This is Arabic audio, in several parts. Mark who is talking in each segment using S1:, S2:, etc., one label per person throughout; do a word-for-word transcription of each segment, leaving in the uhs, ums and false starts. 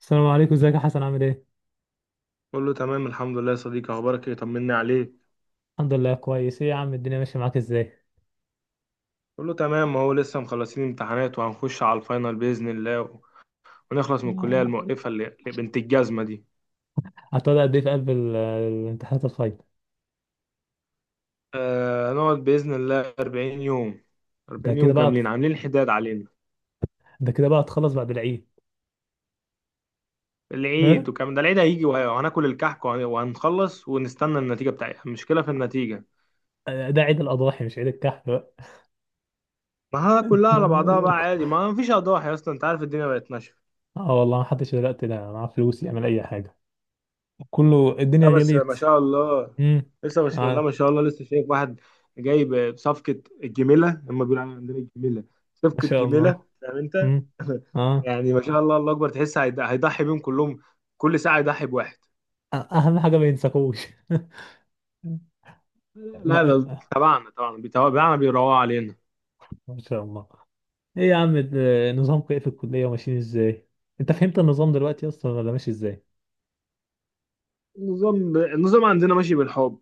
S1: السلام عليكم، ازيك يا حسن؟ عامل ايه؟
S2: كله تمام الحمد لله يا صديقي، اخبارك ايه؟ طمني عليك.
S1: الحمد لله كويس. ايه يا عم الدنيا ماشية معاك ازاي؟
S2: كله تمام اهو، لسه مخلصين امتحانات وهنخش على الفاينل باذن الله و- ونخلص من الكليه
S1: آه،
S2: المؤلفه اللي اللي بنت الجزمه دي.
S1: هتقعد قد ايه في قلب ال- الامتحانات الفاينل؟
S2: آه هنقعد باذن الله اربعين يوم،
S1: ده
S2: اربعين
S1: كده
S2: يوم
S1: بقى
S2: كاملين عاملين حداد علينا.
S1: ده كده بقى تخلص بعد العيد.
S2: العيد
S1: ها؟
S2: وكمان، ده العيد هيجي وه- وهناكل الكحك وهن- وهنخلص ونستنى النتيجه بتاعتها. المشكله في النتيجه.
S1: ده عيد الأضاحي مش عيد الكحف بقى.
S2: ما ها، كلها
S1: انت
S2: على بعضها بقى
S1: مالك؟
S2: عادي، ما فيش اضاحي اصلا، انت عارف الدنيا بقت ماشيه.
S1: اه والله ما حدش دلوقتي ده معاه فلوس يعمل أي حاجة، كله الدنيا
S2: لا بس
S1: غليت.
S2: ما شاء الله.
S1: امم
S2: لسه مش لا
S1: آه.
S2: ما شاء الله لسه شايف واحد جايب بصفقة الجميلة، لما بيقولوا عليها عندنا الجميلة،
S1: ما
S2: صفقة
S1: شاء
S2: جميلة،
S1: الله.
S2: فاهم انت.
S1: امم اه
S2: يعني ما شاء الله، الله اكبر، تحس هيض- هيضحي بيهم كلهم، كل ساعة يضحي بواحد.
S1: أ- أهم حاجة ما ينساكوش. ما
S2: لا ده تبعنا طبعا، بيتابعنا بيروقوا علينا.
S1: ما شاء الله. ايه يا عم ده، نظامكم ايه في الكلية وماشيين ازاي؟ انت فهمت النظام دلوقتي اصلا ولا ماشي ازاي؟
S2: النظام، النظام عندنا ماشي بالحب.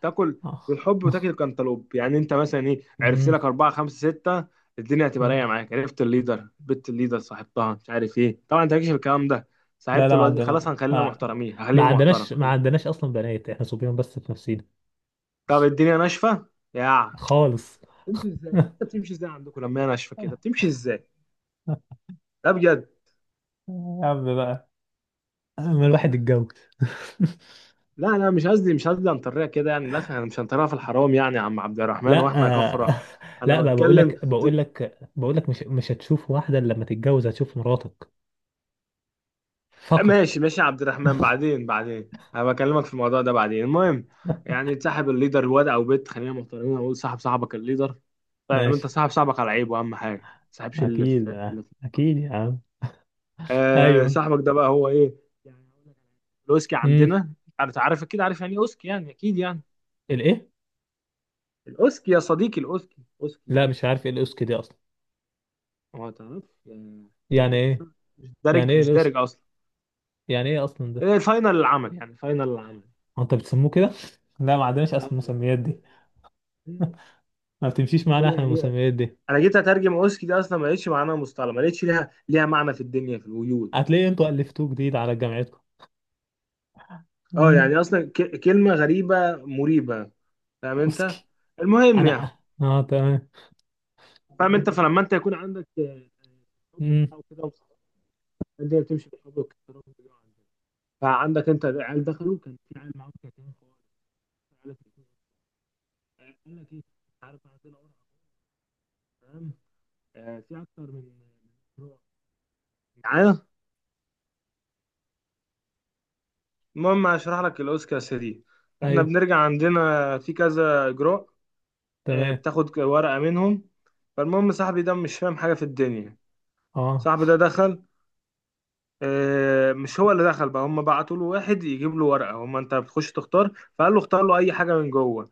S2: تاكل. بالحب
S1: آه.
S2: وتاكل كنتالوب. يعني انت مثلا ايه، عرفت
S1: مم.
S2: لك اربعه خمسه سته، الدنيا هتبقى
S1: مم.
S2: رايقه معاك. عرفت الليدر، بنت الليدر، صاحبتها، مش عارف ايه. طبعا انت مالكش في الكلام ده.
S1: لا
S2: صاحبت
S1: لا ما
S2: الواد، خلاص،
S1: عندنا
S2: هنخلينا
S1: آه.
S2: محترمين،
S1: ما
S2: هخليني محترم،
S1: عندناش ما
S2: هخليني-
S1: عندناش اصلا بنات، احنا صبيان بس في نفسينا
S2: طب الدنيا ناشفه. يا
S1: خالص.
S2: تمشي ازاي؟ انت
S1: يا
S2: بتمشي ازاي عندكم لما هي ناشفه كده، بتمشي ازاي؟ لا بجد.
S1: عم بقى، ما الواحد اتجوز.
S2: لا لا، مش قصدي مش قصدي انطريها كده، يعني لا، احنا مش هنطريها في الحرام يعني، يا عم عبد الرحمن
S1: لا
S2: واحنا كفره.
S1: آه،
S2: انا
S1: لا بقى، بقول
S2: بتكلم.
S1: لك بقول لك بقول لك مش مش هتشوف واحدة إلا لما تتجوز هتشوف مراتك فقط.
S2: ماشي ماشي يا عبد الرحمن، بعدين بعدين، انا بكلمك في الموضوع ده بعدين. المهم، يعني تصاحب الليدر، واد او بنت، خلينا محترمين، اقول صاحب صاحبك الليدر. طيب، انت
S1: ماشي،
S2: صاحب صاحبك على عيبه، اهم حاجه ما تصاحبش اللي في
S1: اكيد آه،
S2: اللي في.
S1: اكيد يا عم.
S2: آه،
S1: ايوه.
S2: صاحبك ده بقى هو ايه، يعني هقول لك على حاجة. الاوسكي
S1: امم.
S2: عندنا، انت عارف اكيد، عارف يعني ايه اوسكي، يعني اكيد يعني.
S1: الايه؟
S2: الاوسكي يا صديقي، الاوسكي، اوسكي
S1: لا مش
S2: اوسكي.
S1: عارف ايه الاوسكي دي اصلا.
S2: هو تعرف يعني،
S1: يعني
S2: يعني
S1: ايه؟
S2: مش مش
S1: يعني
S2: دارج،
S1: ايه
S2: مش
S1: الاوسكي؟
S2: دارج اصلا.
S1: يعني ايه اصلا ده؟
S2: إيه، فاينل العمل، يعني فاينل العمل.
S1: هو انت بتسموه كده؟ لا ما عندناش اصلا
S2: آه.
S1: المسميات دي. ما بتمشيش
S2: انت
S1: معانا
S2: قول
S1: احنا
S2: يعني.
S1: المسميات دي،
S2: انا جيت اترجم اوسكي دي اصلا، ما لقيتش معناها، مصطلح ما لقيتش ليها ليها معنى في الدنيا، في الوجود.
S1: هتلاقي انتوا الفتوه جديد على جامعتكم.
S2: اه يعني
S1: امم.
S2: اصلا ك... كلمه غريبه مريبه، فاهم انت.
S1: اوسكي.
S2: المهم يعني،
S1: انا اه تمام.
S2: فاهم انت. فلما انت يكون عندك آه، حب
S1: امم.
S2: وبتاع وكده، الدنيا بتمشي بالحب والاحترام. بيجوا عندنا، فعندك انت عيال دخلوا، كان في عيال معاهم كاتبين في ورقة. قال لك ايه؟ قال لك ايه؟ مش عارف، عندنا ورقه، تمام، آه، في اكتر من من نوع معايا. المهم هشرح لك الاوسكار دي. احنا
S1: ايوه.
S2: بنرجع عندنا في كذا اجراء، آه،
S1: تمام.
S2: بتاخد ورقة منهم. فالمهم صاحبي ده مش فاهم حاجة في الدنيا.
S1: اه.
S2: صاحبي ده دخل، آه، مش هو اللي دخل بقى، هم بعتوا له واحد يجيب له ورقة، هم انت بتخش تختار. فقال له اختار له اي حاجة من جوه،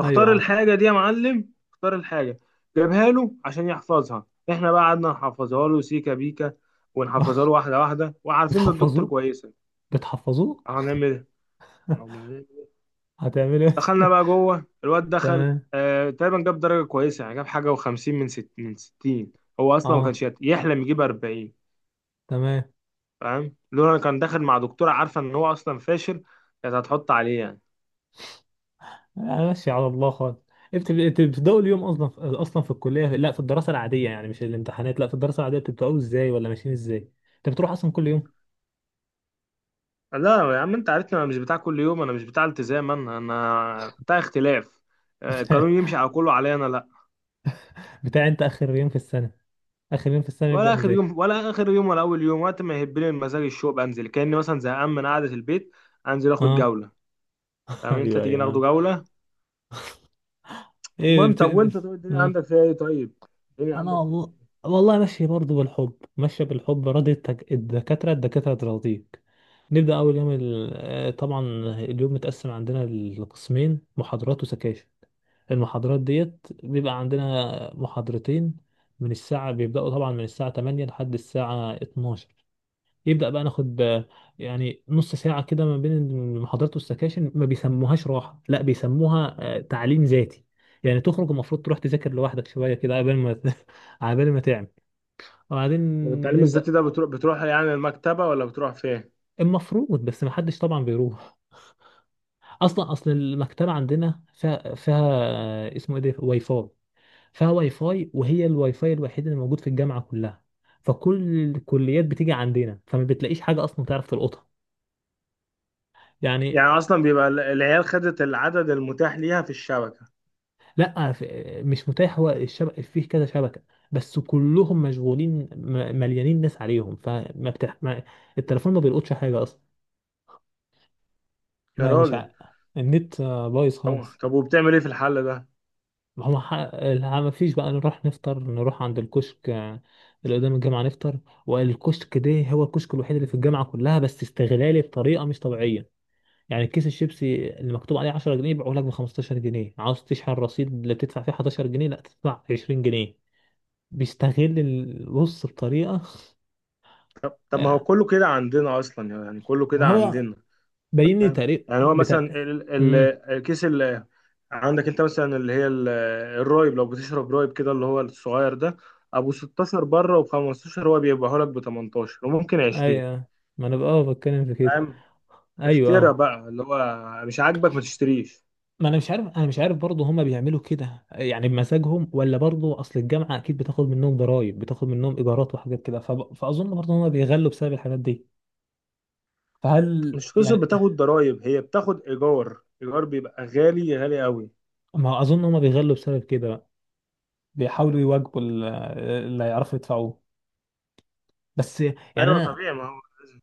S1: ايوه. اه.
S2: الحاجة دي يا معلم، اختار الحاجة، جابها له عشان يحفظها. احنا بقى قعدنا نحفظها له سيكا بيكا ونحفظها له واحدة واحدة، وعارفين ان الدكتور
S1: بتحفظوه؟
S2: كويسة.
S1: بتحفظوه؟
S2: هنعمل ايه؟
S1: هتعملوا ايه؟
S2: دخلنا بقى جوه، الواد دخل
S1: تمام.
S2: آه، تقريبا جاب درجه كويسه، يعني جاب حاجه و50 من ست، من ستين. هو اصلا ما كانش
S1: اه.
S2: يت- يحلم يجيب اربعين.
S1: تمام.
S2: فاهم، لولا كان داخل مع دكتوره عارفه ان هو اصلا فاشل، كانت هتحط عليه يعني.
S1: أنا ماشي على الله خالص. انت انت بتبداوا اليوم اصلا في... اصلا في الكليه لا في الدراسه العاديه يعني مش الامتحانات، لا في الدراسه العاديه، بتبداوا ازاي ولا ماشيين ازاي؟ انت بتروح اصلا كل يوم؟
S2: لا يا عم، انت عارفني انا مش بتاع كل يوم، انا مش بتاع التزام، انا انا بتاع اختلاف. آه، القانون يمشي على كله، عليا انا لا.
S1: بتاع انت اخر يوم في السنه، اخر يوم في السنه نبدا
S2: ولا اخر
S1: نذاكر.
S2: يوم، ولا اخر يوم ولا اول يوم، وقت ما يهبني المزاج الشوق بنزل، كاني مثلا زهقان من قعده البيت انزل اخد
S1: اه.
S2: جوله. فاهم انت،
S1: ايوه
S2: تيجي
S1: ايوه
S2: ناخده
S1: آه.
S2: جوله.
S1: ايه
S2: المهم
S1: بت...
S2: طب وانت، طب الدنيا
S1: مم.
S2: عندك فيها ايه طيب؟ الدنيا
S1: انا
S2: عندك فيها
S1: والله،
S2: ايه؟
S1: والله ماشي برضه بالحب، ماشيه بالحب راضي التك... الدكاتره، الدكاتره تراضيك. نبدا اول يوم ال... آه، طبعا اليوم متقسم عندنا لقسمين، محاضرات وسكاشن. المحاضرات ديت بيبقى عندنا محاضرتين. من الساعة بيبدأوا طبعا من الساعة تمانية لحد الساعة اتناشر. يبدأ بقى ناخد آه، يعني نص ساعة كده ما بين المحاضرات والسكاشن، ما بيسموهاش راحة، لا بيسموها آه، تعليم ذاتي. يعني تخرج المفروض تروح تذاكر لوحدك شوية كده قبل ما قبل ما تعمل. وبعدين
S2: والتعليم
S1: نبدأ
S2: الذاتي ده بتروح، بتروح يعني المكتبة، ولا بتروح فين؟
S1: المفروض، بس ما حدش طبعا بيروح اصلا، اصل المكتبة عندنا فيها فيها آه، اسمه ايه ده؟ واي فاي. فيها واي فاي، وهي الواي فاي الوحيد اللي موجود في الجامعه كلها، فكل الكليات بتيجي عندنا، فما بتلاقيش حاجه اصلا تعرف تلقطها يعني.
S2: يعني اصلا بيبقى ال- العيال خدت العدد المتاح ليها في الشبكة.
S1: لا ف- مش متاح، هو الشبكه فيه كذا شبكه بس كلهم مشغولين، م- مليانين ناس عليهم، فما بتح... ما... التليفون ما بيلقطش حاجه اصلا.
S2: يا
S1: ما مش ع...
S2: راجل،
S1: النت آه، بايظ
S2: طب
S1: خالص.
S2: طب وبتعمل ايه في الحل ده؟
S1: ما هو ح... لا، ما فيش بقى، نروح نفطر، نروح عند الكشك آه، اللي قدام الجامعه نفطر. والكشك ده هو الكشك الوحيد اللي في الجامعه كلها، بس استغلالي بطريقه مش طبيعيه. يعني كيس الشيبسي اللي مكتوب عليه عشرة جنيه يبيعوه لك ب خمستاشر جنيه، عاوز تشحن رصيد اللي بتدفع فيه حداشر جنيه لا تدفع عشرين جنيه، بيستغل البص بطريقة
S2: طب, طب ما هو
S1: يعني.
S2: كله كده عندنا اصلا، يعني كله كده
S1: هو
S2: عندنا.
S1: باين لي طريق
S2: يعني هو مثلا
S1: بتاع.
S2: ال- ال-
S1: امم.
S2: الكيس اللي عندك انت، مثلا اللي هي ال- الرايب، لو بتشرب رايب كده، اللي هو الصغير ده ابو ستة عشر بره، وخمسة عشر هو بيبيعه لك ب تمنتاشر، وممكن عشرين.
S1: ايوه. ما انا بقى آه بتكلم في كده. ايوه
S2: اشترى
S1: اه.
S2: بقى اللي هو، مش عاجبك ما تشتريش.
S1: ما انا مش عارف، انا مش عارف برضه هما بيعملوا كده يعني بمزاجهم ولا برضه اصل الجامعة اكيد بتاخد منهم ضرايب، بتاخد منهم ايجارات وحاجات كده، فب... فاظن برضه هما بيغلوا بسبب الحاجات دي. فهل
S2: مش قصة
S1: يعني،
S2: بتاخد ضرايب، هي بتاخد إيجار، إيجار بيبقى غالي، غالي قوي.
S1: ما اظن هما بيغلوا بسبب كده، بيحاولوا يواجبوا ال- اللي هيعرفوا يدفعوه. بس يعني
S2: أيوة
S1: انا
S2: طبيعي، ما هو لازم.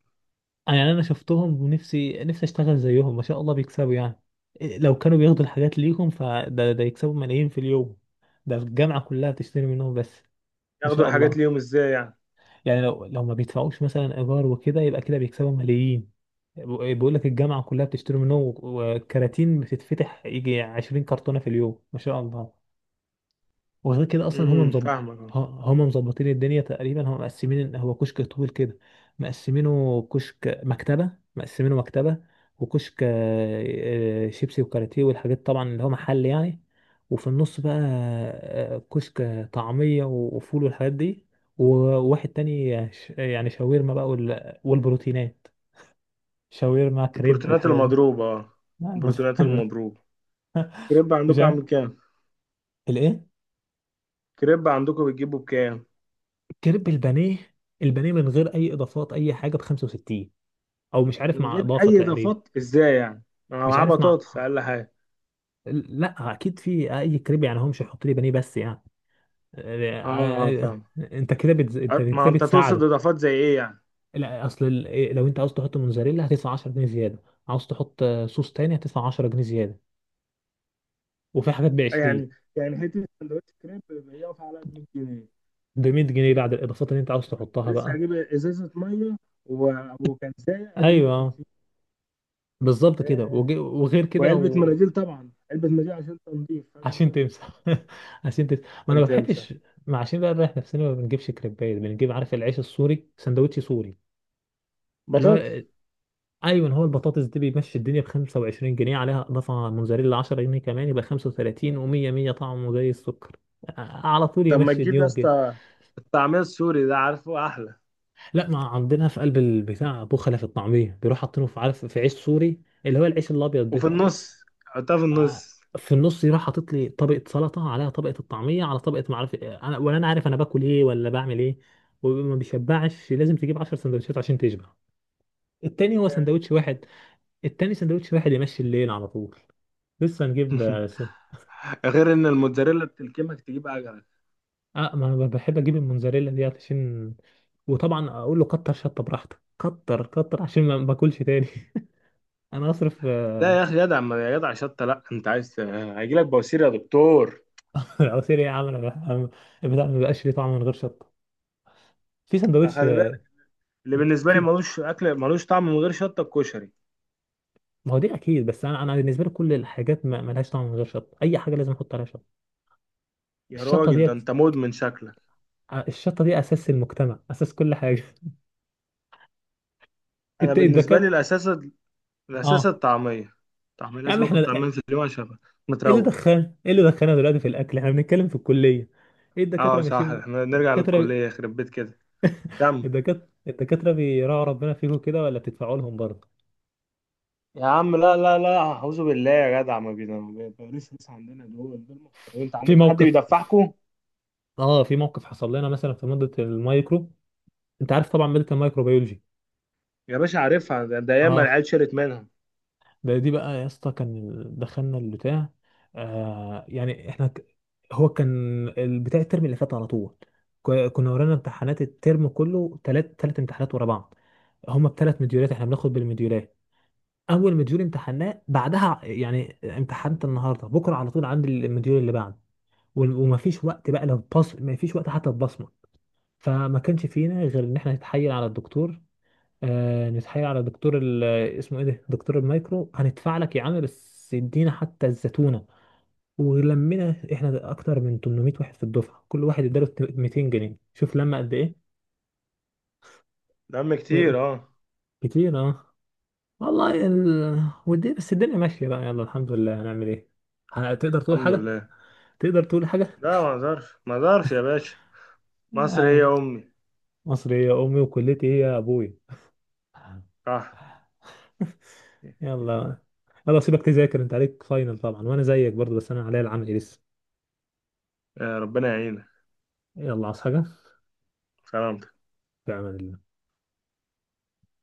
S1: يعني انا شفتهم ونفسي نفسي اشتغل زيهم، ما شاء الله بيكسبوا يعني. لو كانوا بياخدوا الحاجات ليهم فده ده يكسبوا ملايين في اليوم، ده الجامعة كلها بتشتري منهم بس. ما
S2: ياخدوا
S1: شاء
S2: الحاجات
S1: الله.
S2: ليهم إزاي يعني؟
S1: يعني لو لو ما بيدفعوش مثلا ايجار وكده يبقى كده بيكسبوا ملايين. بيقول لك الجامعة كلها بتشتري منهم، وكراتين بتتفتح يجي عشرين كرتونة في اليوم، ما شاء الله. وغير كده اصلا هم
S2: امم،
S1: مظبط،
S2: فاهمك اه.
S1: هم مظبطين الدنيا تقريبا، هم مقسمين إن هو كشك طويل كده، مقسمينه كشك مكتبه، مقسمينه مكتبه وكشك آه، شيبسي وكاراتيه والحاجات طبعا اللي هو محل يعني. وفي النص بقى آه، كشك طعميه وفول والحاجات دي، وواحد تاني ش- يعني شاورما بقى وال- والبروتينات، شاورما كريب
S2: البروتينات
S1: الحاجات دي.
S2: المضروبة اه،
S1: لا،
S2: البروتينات المضروبة. كريب
S1: مش
S2: عندكم
S1: عارف.
S2: عامل كام؟
S1: الايه؟
S2: كريب عندكم بتجيبه بكام؟
S1: كريب البانيه، البانيه من غير اي اضافات اي حاجه ب خمسة وستين، او مش عارف
S2: من
S1: مع
S2: غير
S1: اضافه
S2: أي
S1: تقريبا.
S2: إضافات إزاي يعني؟ أنا
S1: مش
S2: معاه
S1: عارف مع،
S2: بطاطس أقل حاجة.
S1: لا اكيد في اي كريب يعني هو مش هيحط لي بانيه بس يعني
S2: اه، اه
S1: آه، آه،
S2: فاهم.
S1: انت كده بتز... انت
S2: أه، ما
S1: كده
S2: أنت تقصد
S1: بتساعده.
S2: إضافات زي إيه يعني؟
S1: لا اصل ال- لو انت عاوز تحط موزاريلا هتدفع عشرة جنيه زياده، عاوز تحط آه، صوص تاني هتدفع عشرة جنيه زياده، وفي حاجات ب عشرين،
S2: يعني يعني حتة سندوتش كريب بيقف على مية جنيه.
S1: ب ميت جنيه بعد الاضافات اللي انت عاوز تحطها
S2: لسه
S1: بقى.
S2: هجيب ازازه ميه و- وكنزايه ادي
S1: ايوه
S2: مية وخمسين.
S1: بالظبط كده.
S2: ياه.
S1: وج- وغير كده
S2: وعلبه
S1: لو
S2: مناديل، طبعا علبه مناديل عشان تنظيف ادي
S1: عشان
S2: مية وخمسين.
S1: تمسح. عشان تمسح، ما انا
S2: عشان
S1: ما
S2: تمسح
S1: بحبش، ما عشان بقى نريح نفسنا ما بنجيبش كريبات، بنجيب عارف العيش السوري، سندوتش سوري اللي
S2: بطاطس.
S1: هو، ايوه هو البطاطس دي، بيمشي الدنيا ب خمسة وعشرين جنيه، عليها اضافه موزاريلا عشرة جنيه كمان يبقى خمسة وتلاتين، و100، ميه طعمه زي السكر آه، على طول
S2: طب ما
S1: يمشي
S2: تجيب يا
S1: اليوم كده.
S2: اسطى الطعميه السوري ده، عارفه احلى،
S1: لا ما عندنا في قلب البتاع، بخله في الطعميه بيروح حاطينه في عارف في عيش سوري اللي هو العيش الابيض
S2: وفي النص، حطها في
S1: آه،
S2: النص.
S1: في النص، يروح حاطط لي طبقه سلطه عليها طبقه الطعميه على طبقه ما اعرف إيه. انا ولا انا عارف انا باكل ايه ولا بعمل ايه. وما بيشبعش، لازم تجيب عشر سندوتشات عشان تشبع التاني، هو
S2: ياه.
S1: سندوتش واحد. التاني سندوتش واحد يمشي الليل على طول. لسه نجيب اه س-
S2: غير ان الموتزاريلا بتلكمك تجيب عجله.
S1: آه، ما انا بحب اجيب الموزاريلا دي عشان، وطبعا اقول له كتر شطه براحتك، كتر كتر عشان ما ما باكلش تاني. انا اصرف
S2: لا
S1: آه،
S2: يا اخي جدع، ما يا جدع شطه، لا، انت عايز هيجي لك بواسير يا دكتور.
S1: عصير ايه يا عم؟ انا بح- أنا البتاع ما بقاش ليه طعم من غير شطه في سندوتش.
S2: خلي بالك. اللي بالنسبه لي
S1: في،
S2: ملوش اكل، ملوش طعم من غير شطه، الكشري.
S1: ما هو دي اكيد، بس انا انا بالنسبه لي كل الحاجات ما ملهاش طعم من غير شطه، اي حاجه لازم احط عليها شطه.
S2: يا
S1: الشطه
S2: راجل، ده
S1: ديت
S2: انت مدمن شكلك.
S1: الشطه دي اساس المجتمع، اساس كل حاجه.
S2: انا
S1: انت
S2: بالنسبه لي
S1: الدكات،
S2: الاساس، الاساس
S1: اه
S2: الطعميه. طعميه
S1: يا عم
S2: لازم اكل
S1: احنا
S2: طعمين
S1: ايه
S2: في اليوم عشان أبقى
S1: اللي
S2: متروق.
S1: دخلنا، ايه اللي دخلنا دلوقتي في الاكل، احنا بنتكلم في الكليه، ايه
S2: اه
S1: الدكاتره
S2: صح،
S1: ماشيين؟
S2: احنا نرجع
S1: الدكاتره
S2: للكليه، يخرب بيت كده. كم؟
S1: الدكاتره الدكاتره بيراعوا ربنا فيكم كده ولا بتدفعوا لهم برضه؟
S2: يا عم لا لا لا، اعوذ بالله يا جدع، ما بينا- ما بيبقاش ناس عندنا، دول دول محترمين. انت
S1: في
S2: عندكم حد
S1: موقف،
S2: بيدفعكم؟
S1: اه في موقف حصل لنا مثلا في ماده المايكرو، انت عارف طبعا ماده الميكروبيولوجي.
S2: يا باشا عارفها، ده, ده ياما
S1: اه.
S2: العيال شرت منها.
S1: ده دي بقى يا اسطى كان ال- دخلنا البتاع آه يعني احنا ك... هو كان البتاع الترم اللي فات على طول، ك- كنا ورانا امتحانات الترم كله، تلات تلات امتحانات ورا بعض، هما بتلات مديولات، احنا بناخد بالمديولات. اول مديول امتحناه بعدها يعني امتحنت النهارده بكره على طول عندي المديول اللي بعده، وال- ومفيش وقت بقى لو بص، مفيش وقت حتى تبصمه. فما كانش فينا غير ان احنا نتحايل على الدكتور، آه نتحايل على دكتور ال- اسمه ايه ده، دكتور المايكرو، هندفع لك يا عم بس ادينا حتى الزتونه. ولمينا احنا اكتر من تمنمية واحد في الدفعه، كل واحد اداله ميتين جنيه، شوف لما قد ايه.
S2: دم
S1: آه،
S2: كتير اه.
S1: كتير اه والله ال... ودي بس الدنيا ماشيه بقى يلا الحمد لله، هنعمل ايه؟ هتقدر تقول
S2: الحمد
S1: حاجه؟
S2: لله.
S1: تقدر تقول حاجه؟
S2: لا ما اقدرش، ما اقدرش يا باشا. مصر هي
S1: يا
S2: امي.
S1: مصري يا امي، وكلتي هي ابوي.
S2: صح.
S1: يلا، يلا سيبك تذاكر، انت عليك فاينل طبعا، وانا زيك برضو بس انا عليا العمل لسه.
S2: يا ربنا يعينك.
S1: يلا، عاوز حاجة؟
S2: سلام.
S1: في أمان الله.